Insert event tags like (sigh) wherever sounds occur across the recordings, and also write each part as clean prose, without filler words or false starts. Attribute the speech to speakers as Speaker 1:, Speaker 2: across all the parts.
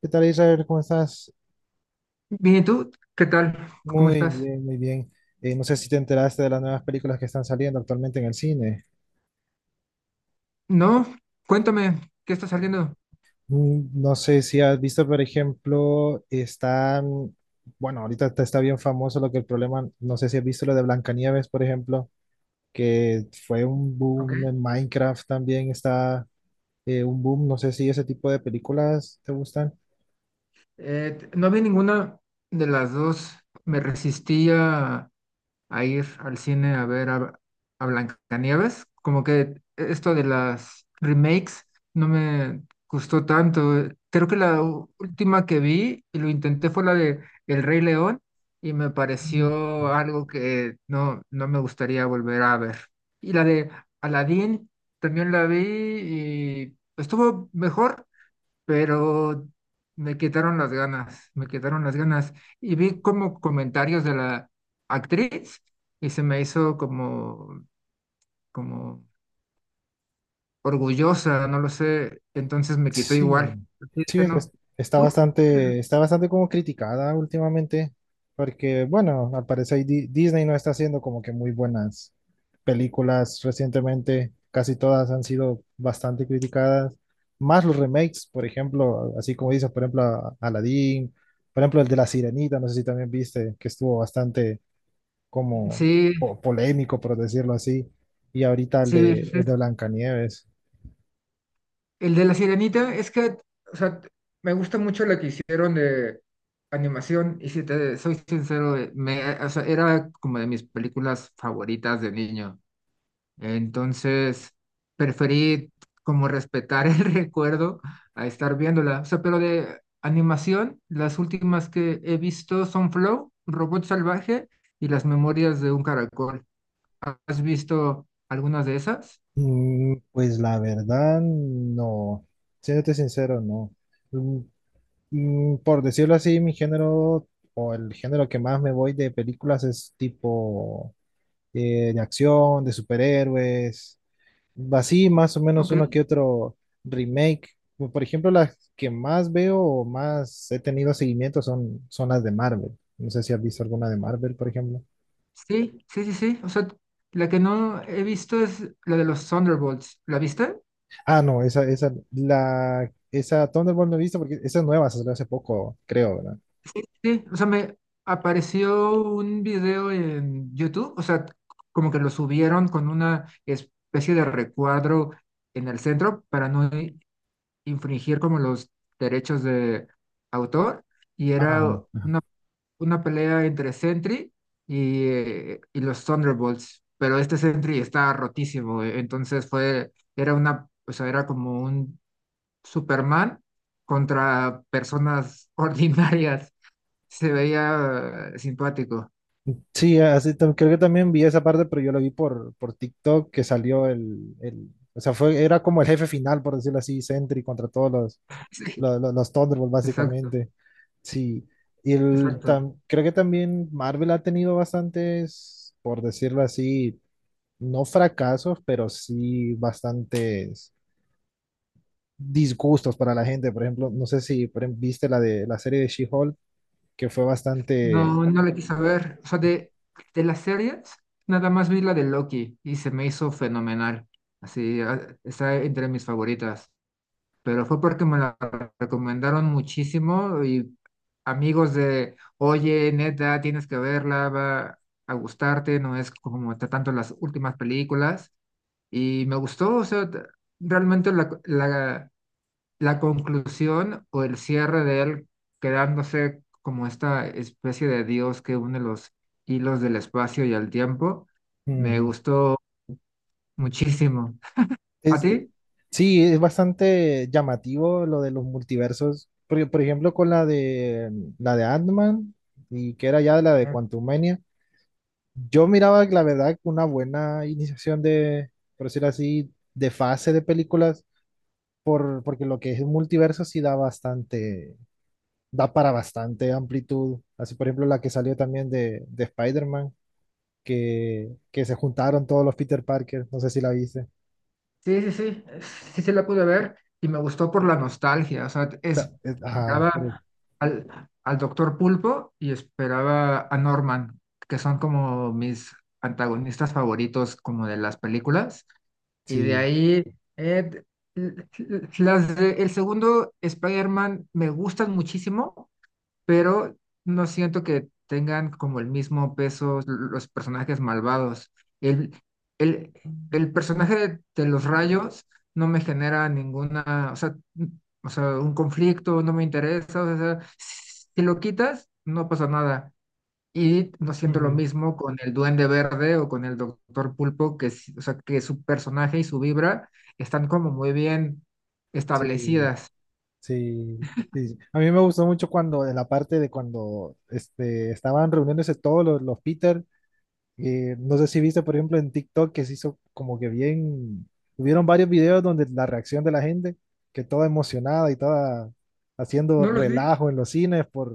Speaker 1: ¿Qué tal, Israel? ¿Cómo estás?
Speaker 2: Bien, ¿y tú? ¿Qué tal? ¿Cómo
Speaker 1: Muy
Speaker 2: estás?
Speaker 1: bien, muy bien. No sé si te enteraste de las nuevas películas que están saliendo actualmente en el cine.
Speaker 2: No, cuéntame, ¿qué está saliendo?
Speaker 1: No sé si has visto, por ejemplo, están, bueno, ahorita te está bien famoso lo que el problema, no sé si has visto lo de Blancanieves, por ejemplo, que fue un
Speaker 2: Ok.
Speaker 1: boom en Minecraft también está un boom. No sé si ese tipo de películas te gustan.
Speaker 2: No vi ninguna de las dos. Me resistía a ir al cine a a Blancanieves. Como que esto de las remakes no me gustó tanto. Creo que la última que vi y lo intenté fue la de El Rey León y me pareció
Speaker 1: Mm.
Speaker 2: algo que no, no me gustaría volver a ver. Y la de Aladdin también la vi y estuvo mejor, pero me quitaron las ganas, me quitaron las ganas. Y vi como comentarios de la actriz y se me hizo como, como orgullosa, no lo sé, entonces me quitó
Speaker 1: Sí,
Speaker 2: igual. Y
Speaker 1: sí,
Speaker 2: dije,
Speaker 1: es que
Speaker 2: no,
Speaker 1: está
Speaker 2: ¿tú?
Speaker 1: bastante, está bastante como criticada últimamente, porque bueno, al parecer Disney no está haciendo como que muy buenas películas recientemente, casi todas han sido bastante criticadas, más los remakes, por ejemplo, así como dices, por ejemplo, Aladdin, por ejemplo, el de La Sirenita, no sé si también viste, que estuvo bastante como
Speaker 2: Sí,
Speaker 1: polémico, por decirlo así, y ahorita el
Speaker 2: sí,
Speaker 1: de, el
Speaker 2: sí.
Speaker 1: de Blancanieves.
Speaker 2: El de la Sirenita es que, o sea, me gusta mucho la que hicieron de animación y si te soy sincero, o sea, era como de mis películas favoritas de niño. Entonces, preferí como respetar el (laughs) recuerdo a estar viéndola. O sea, pero de animación, las últimas que he visto son Flow, Robot Salvaje y Las Memorias de un Caracol. ¿Has visto algunas de esas?
Speaker 1: Pues la verdad, no. Siéndote sincero, no. Mm, Por decirlo así, mi género o el género que más me voy de películas es tipo de acción, de superhéroes, así más o menos
Speaker 2: Ok,
Speaker 1: uno que otro remake. Como por ejemplo, las que más veo o más he tenido seguimiento son las de Marvel. No sé si has visto alguna de Marvel, por ejemplo.
Speaker 2: sí, sí, sí, sí. O sea, la que no he visto es la de los Thunderbolts. ¿La viste?
Speaker 1: Ah, no, esa Thunderbolt no he visto porque esa es nueva, se salió hace poco, creo, ¿verdad?
Speaker 2: Sí, o sea, me apareció un video en YouTube, o sea, como que lo subieron con una especie de recuadro en el centro para no infringir como los derechos de autor, y era
Speaker 1: Ajá. Ajá.
Speaker 2: una pelea entre Sentry y los Thunderbolts, pero este Sentry está rotísimo, entonces era una, o sea, era como un Superman contra personas (laughs) ordinarias se veía simpático.
Speaker 1: Sí, así, creo que también vi esa parte, pero yo la vi por TikTok que salió o sea, era como el jefe final, por decirlo así, Sentry contra todos los,
Speaker 2: Sí,
Speaker 1: los, los, los Thunderbolts,
Speaker 2: exacto,
Speaker 1: básicamente. Sí, y
Speaker 2: exacto.
Speaker 1: creo que también Marvel ha tenido bastantes, por decirlo así, no fracasos, pero sí bastantes disgustos para la gente. Por ejemplo, no sé si por ejemplo, viste la de la serie de She-Hulk, que fue bastante.
Speaker 2: No, no la quise ver. O sea, de las series, nada más vi la de Loki y se me hizo fenomenal. Así, ah, está entre mis favoritas. Pero fue porque me la recomendaron muchísimo y amigos de, oye, neta, tienes que verla, va a gustarte, no es como tanto las últimas películas. Y me gustó, o sea, realmente la conclusión o el cierre de él quedándose como esta especie de dios que une los hilos del espacio y el tiempo, me
Speaker 1: Ujú.
Speaker 2: gustó muchísimo. ¿A
Speaker 1: Es,
Speaker 2: ti?
Speaker 1: sí, es bastante llamativo lo de los multiversos. Por ejemplo, con la de Ant-Man y que era ya la de
Speaker 2: Ajá.
Speaker 1: Quantumania. Yo miraba, la verdad, una buena iniciación de, por decirlo así, de fase de películas, porque lo que es el multiverso sí da bastante, da para bastante amplitud. Así, por ejemplo, la que salió también de, Spider-Man que se juntaron todos los Peter Parker, no sé si la viste.
Speaker 2: Sí, sí, sí, sí se la pude ver y me gustó por la nostalgia, o sea,
Speaker 1: Ajá, pero
Speaker 2: esperaba al, al Doctor Pulpo y esperaba a Norman, que son como mis antagonistas favoritos como de las películas. Y de
Speaker 1: sí,
Speaker 2: ahí, eh, el segundo Spider-Man me gustan muchísimo, pero no siento que tengan como el mismo peso los personajes malvados. El, el, el personaje de los rayos no me genera ninguna, o sea, o sea, un conflicto, no me interesa, o sea, si lo quitas, no pasa nada. Y no siento lo
Speaker 1: ujú,
Speaker 2: mismo con el Duende Verde o con el Doctor Pulpo, que, o sea, que su personaje y su vibra están como muy bien
Speaker 1: sí,
Speaker 2: establecidas.
Speaker 1: sí, sí. A mí me gustó mucho cuando, en la parte de cuando estaban reuniéndose todos los Peter, no sé si viste, por ejemplo, en TikTok que se hizo como que bien, hubieron varios videos donde la reacción de la gente, que toda emocionada y toda haciendo
Speaker 2: No los vi.
Speaker 1: relajo en los cines,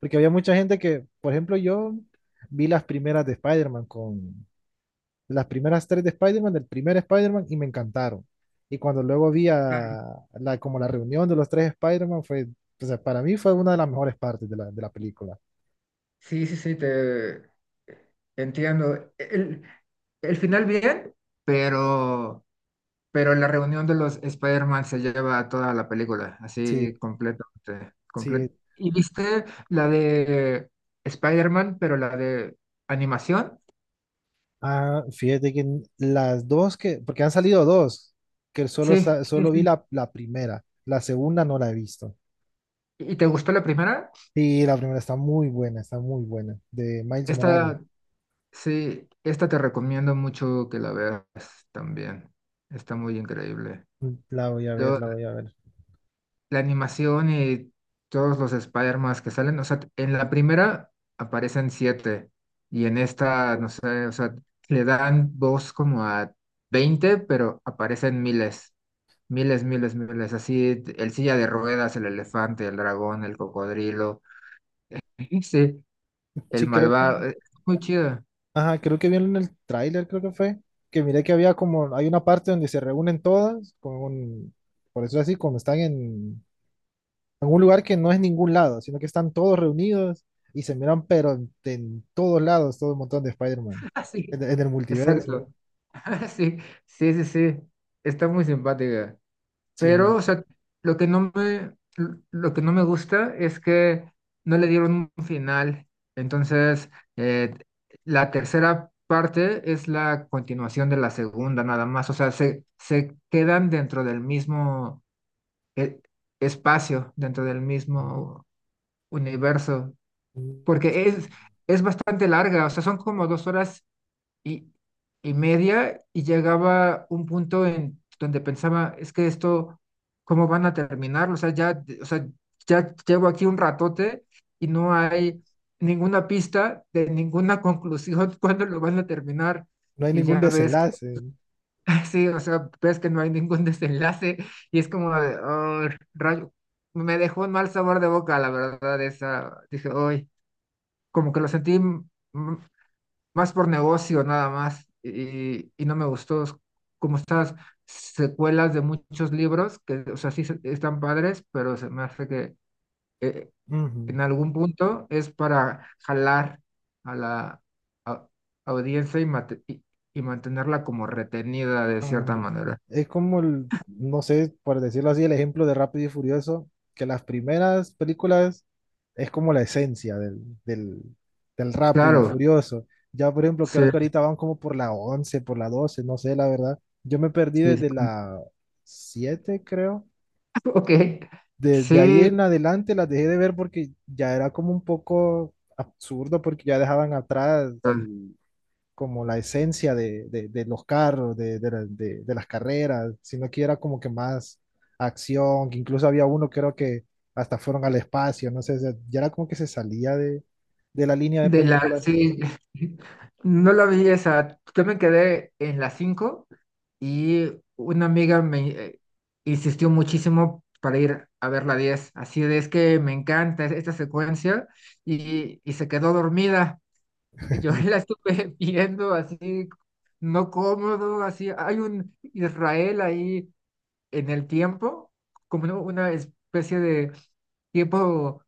Speaker 1: porque había mucha gente que, por ejemplo, yo vi las primeras de Spider-Man con, las primeras tres de Spider-Man, del primer Spider-Man, y me encantaron. Y cuando luego vi
Speaker 2: Claro.
Speaker 1: a la, como la reunión de los tres Spider-Man, o sea, para mí fue una de las mejores partes de la, película.
Speaker 2: Sí, sí, sí, te entiendo. El final bien, pero, pero la reunión de los Spider-Man se lleva toda la película,
Speaker 1: Sí,
Speaker 2: así completamente,
Speaker 1: sí.
Speaker 2: completo. ¿Y viste la de Spider-Man, pero la de animación?
Speaker 1: Ah, fíjate que las dos porque han salido dos, que
Speaker 2: Sí,
Speaker 1: solo vi la primera, la segunda no la he visto.
Speaker 2: ¿y te gustó la primera?
Speaker 1: Y la primera está muy buena, de Miles Morales.
Speaker 2: Esta, sí, esta te recomiendo mucho que la veas también. Está muy increíble.
Speaker 1: La voy a ver,
Speaker 2: Lo-
Speaker 1: la voy a ver.
Speaker 2: la animación y todos los Spider-Man que salen, o sea, en la primera aparecen siete y en esta, no sé, o sea, le dan voz como a 20, pero aparecen miles, miles, miles, miles. Así, el silla de ruedas, el elefante, el dragón, el cocodrilo. (laughs) Sí, el
Speaker 1: Sí, creo que
Speaker 2: malvado. Muy chido.
Speaker 1: Ajá, creo que vieron en el tráiler, creo que miré hay una parte donde se reúnen todas, con, por eso así, como están en un lugar que no es ningún lado, sino que están todos reunidos y se miran, pero en todos lados, todo un montón de Spider-Man,
Speaker 2: Ah,
Speaker 1: en,
Speaker 2: sí,
Speaker 1: en el multiverso.
Speaker 2: exacto. (laughs) Sí, sí, sí, sí. Está muy simpática. Pero,
Speaker 1: Sí,
Speaker 2: o sea, lo que no me, lo que no me gusta es que no le dieron un final. Entonces, eh, la tercera parte es la continuación de la segunda, nada más. O sea, se quedan dentro del mismo eh, espacio, dentro del mismo universo.
Speaker 1: mm,
Speaker 2: Porque es bastante larga. O sea, son como dos horas y, y media y llegaba un punto en donde pensaba, es que esto, ¿cómo van a terminar? O sea, ya, o sea, ya llevo aquí un ratote y no hay ninguna pista de ninguna conclusión (laughs) cuándo lo van a terminar.
Speaker 1: no hay
Speaker 2: Y
Speaker 1: ningún
Speaker 2: ya ves,
Speaker 1: desenlace.
Speaker 2: (laughs) sí, o sea, ves que no hay ningún (laughs) desenlace y es como de, "Oh, rayo." Me dejó un mal sabor de boca, la verdad, esa, dije, hoy, como que lo sentí más por negocio nada más y no me gustó, es como estas secuelas de muchos libros que, o sea, están padres, pero se me hace que eh,
Speaker 1: Ujú.
Speaker 2: en algún punto es para jalar a la a- audiencia y y mantenerla como retenida de cierta
Speaker 1: ah,
Speaker 2: manera.
Speaker 1: Es como, no sé, por decirlo así, el ejemplo de Rápido y Furioso, que las primeras películas es como la esencia del, del, del rápido y
Speaker 2: Claro,
Speaker 1: furioso. Ya, por ejemplo,
Speaker 2: sí,
Speaker 1: creo que ahorita van como por la 11 por la 12 no sé, la verdad. Yo me perdí
Speaker 2: sí, sí.
Speaker 1: desde
Speaker 2: (laughs)
Speaker 1: la 7 creo.
Speaker 2: Ok,
Speaker 1: Desde ahí
Speaker 2: sí,
Speaker 1: en adelante las dejé de ver porque ya era como un poco absurdo porque ya dejaban atrás como la esencia de los carros, de las carreras, sino que era como que más acción, que incluso había uno creo que hasta fueron al espacio, no sé, ya era como que se salía de la línea de películas.
Speaker 2: sí, (laughs) no la vi esa, yo me quedé en la cinco. Y una amiga me insistió muchísimo para ir a ver la diez, así de es que me encanta esta secuencia y se quedó dormida. Y yo (laughs) la
Speaker 1: (laughs)
Speaker 2: estuve viendo así, no cómodo, así. Hay un Israel ahí en el tiempo, como una especie de tiempo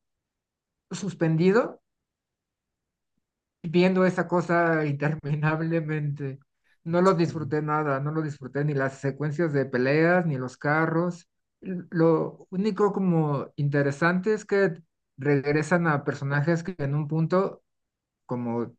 Speaker 2: suspendido viendo esa cosa (laughs) interminablemente. No lo disfruté nada, no lo disfruté ni las secuencias de peleas, ni los carros. Lo único como interesante es que regresan a personajes que en un punto como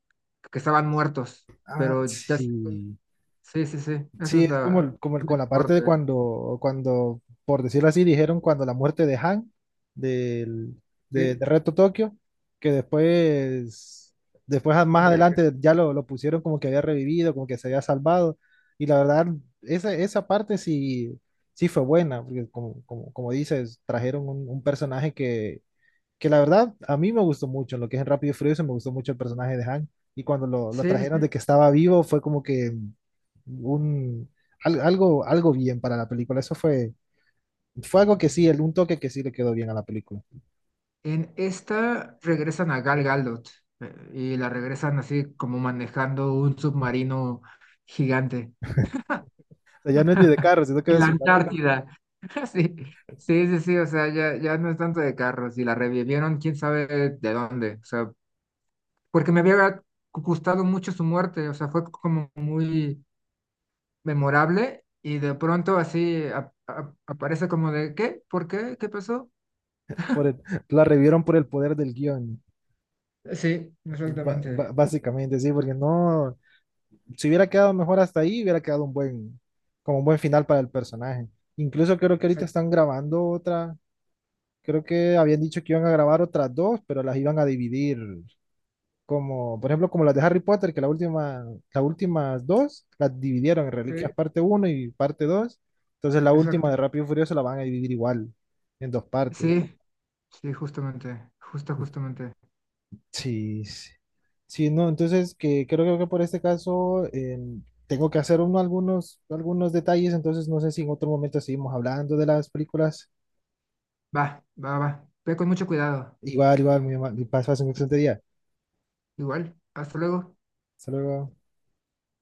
Speaker 2: que estaban muertos,
Speaker 1: Ah,
Speaker 2: pero
Speaker 1: sí.
Speaker 2: sí, sí, sí, esa
Speaker 1: Sí,
Speaker 2: es
Speaker 1: es como,
Speaker 2: la
Speaker 1: como
Speaker 2: única
Speaker 1: con la parte de
Speaker 2: parte.
Speaker 1: cuando, por decirlo así, dijeron cuando la muerte de Han, del, de,
Speaker 2: Sí,
Speaker 1: de Reto Tokio, que después más
Speaker 2: regre-
Speaker 1: adelante ya lo pusieron como que había revivido, como que se había salvado. Y la verdad, esa parte sí fue buena, porque como dices, trajeron un personaje que la verdad a mí me gustó mucho, en lo que es en Rápido y Furioso me gustó mucho el personaje de Han y cuando lo
Speaker 2: sí,
Speaker 1: trajeron
Speaker 2: sí.
Speaker 1: de que estaba vivo fue como que un algo bien para la película, eso fue algo que sí, un toque que sí le quedó bien a la película.
Speaker 2: En esta regresan a Gal Gadot y la regresan así como manejando un submarino gigante.
Speaker 1: O sea, ya no es ni de carro, sino que
Speaker 2: En
Speaker 1: de
Speaker 2: la
Speaker 1: submarino.
Speaker 2: Antártida. (laughs) Sí, sí, sí, sí, o sea, ya, ya no es tanto de carros y la revivieron, quién sabe de dónde, o sea, porque me había gustado mucho su muerte, o sea, fue como muy memorable y de pronto así aparece como de, ¿qué? ¿Por qué? ¿Qué pasó?
Speaker 1: Por el- la revivieron por el poder del guión,
Speaker 2: Sí, exactamente.
Speaker 1: básicamente, sí, porque no, si hubiera quedado mejor hasta ahí, hubiera quedado un buen, como un buen final para el personaje. Incluso creo que ahorita
Speaker 2: Exacto.
Speaker 1: están grabando otra. Creo que habían dicho que iban a grabar otras dos, pero las iban a dividir. Como, por ejemplo, como las de Harry Potter, que las últimas dos las dividieron en
Speaker 2: Sí,
Speaker 1: Reliquias parte uno y parte 2. Entonces la última
Speaker 2: exacto.
Speaker 1: de Rápido y Furioso la van a dividir igual, en dos partes.
Speaker 2: Sí, sí, justamente, justo, justamente.
Speaker 1: Sí, sí. Sí, no, entonces que creo que por este caso tengo que hacer algunos detalles, entonces no sé si en otro momento seguimos hablando de las películas.
Speaker 2: Va, va, va. Ve con mucho cuidado.
Speaker 1: Igual, igual, mi, mi paso hace un excelente día.
Speaker 2: Igual, hasta luego.
Speaker 1: Hasta luego.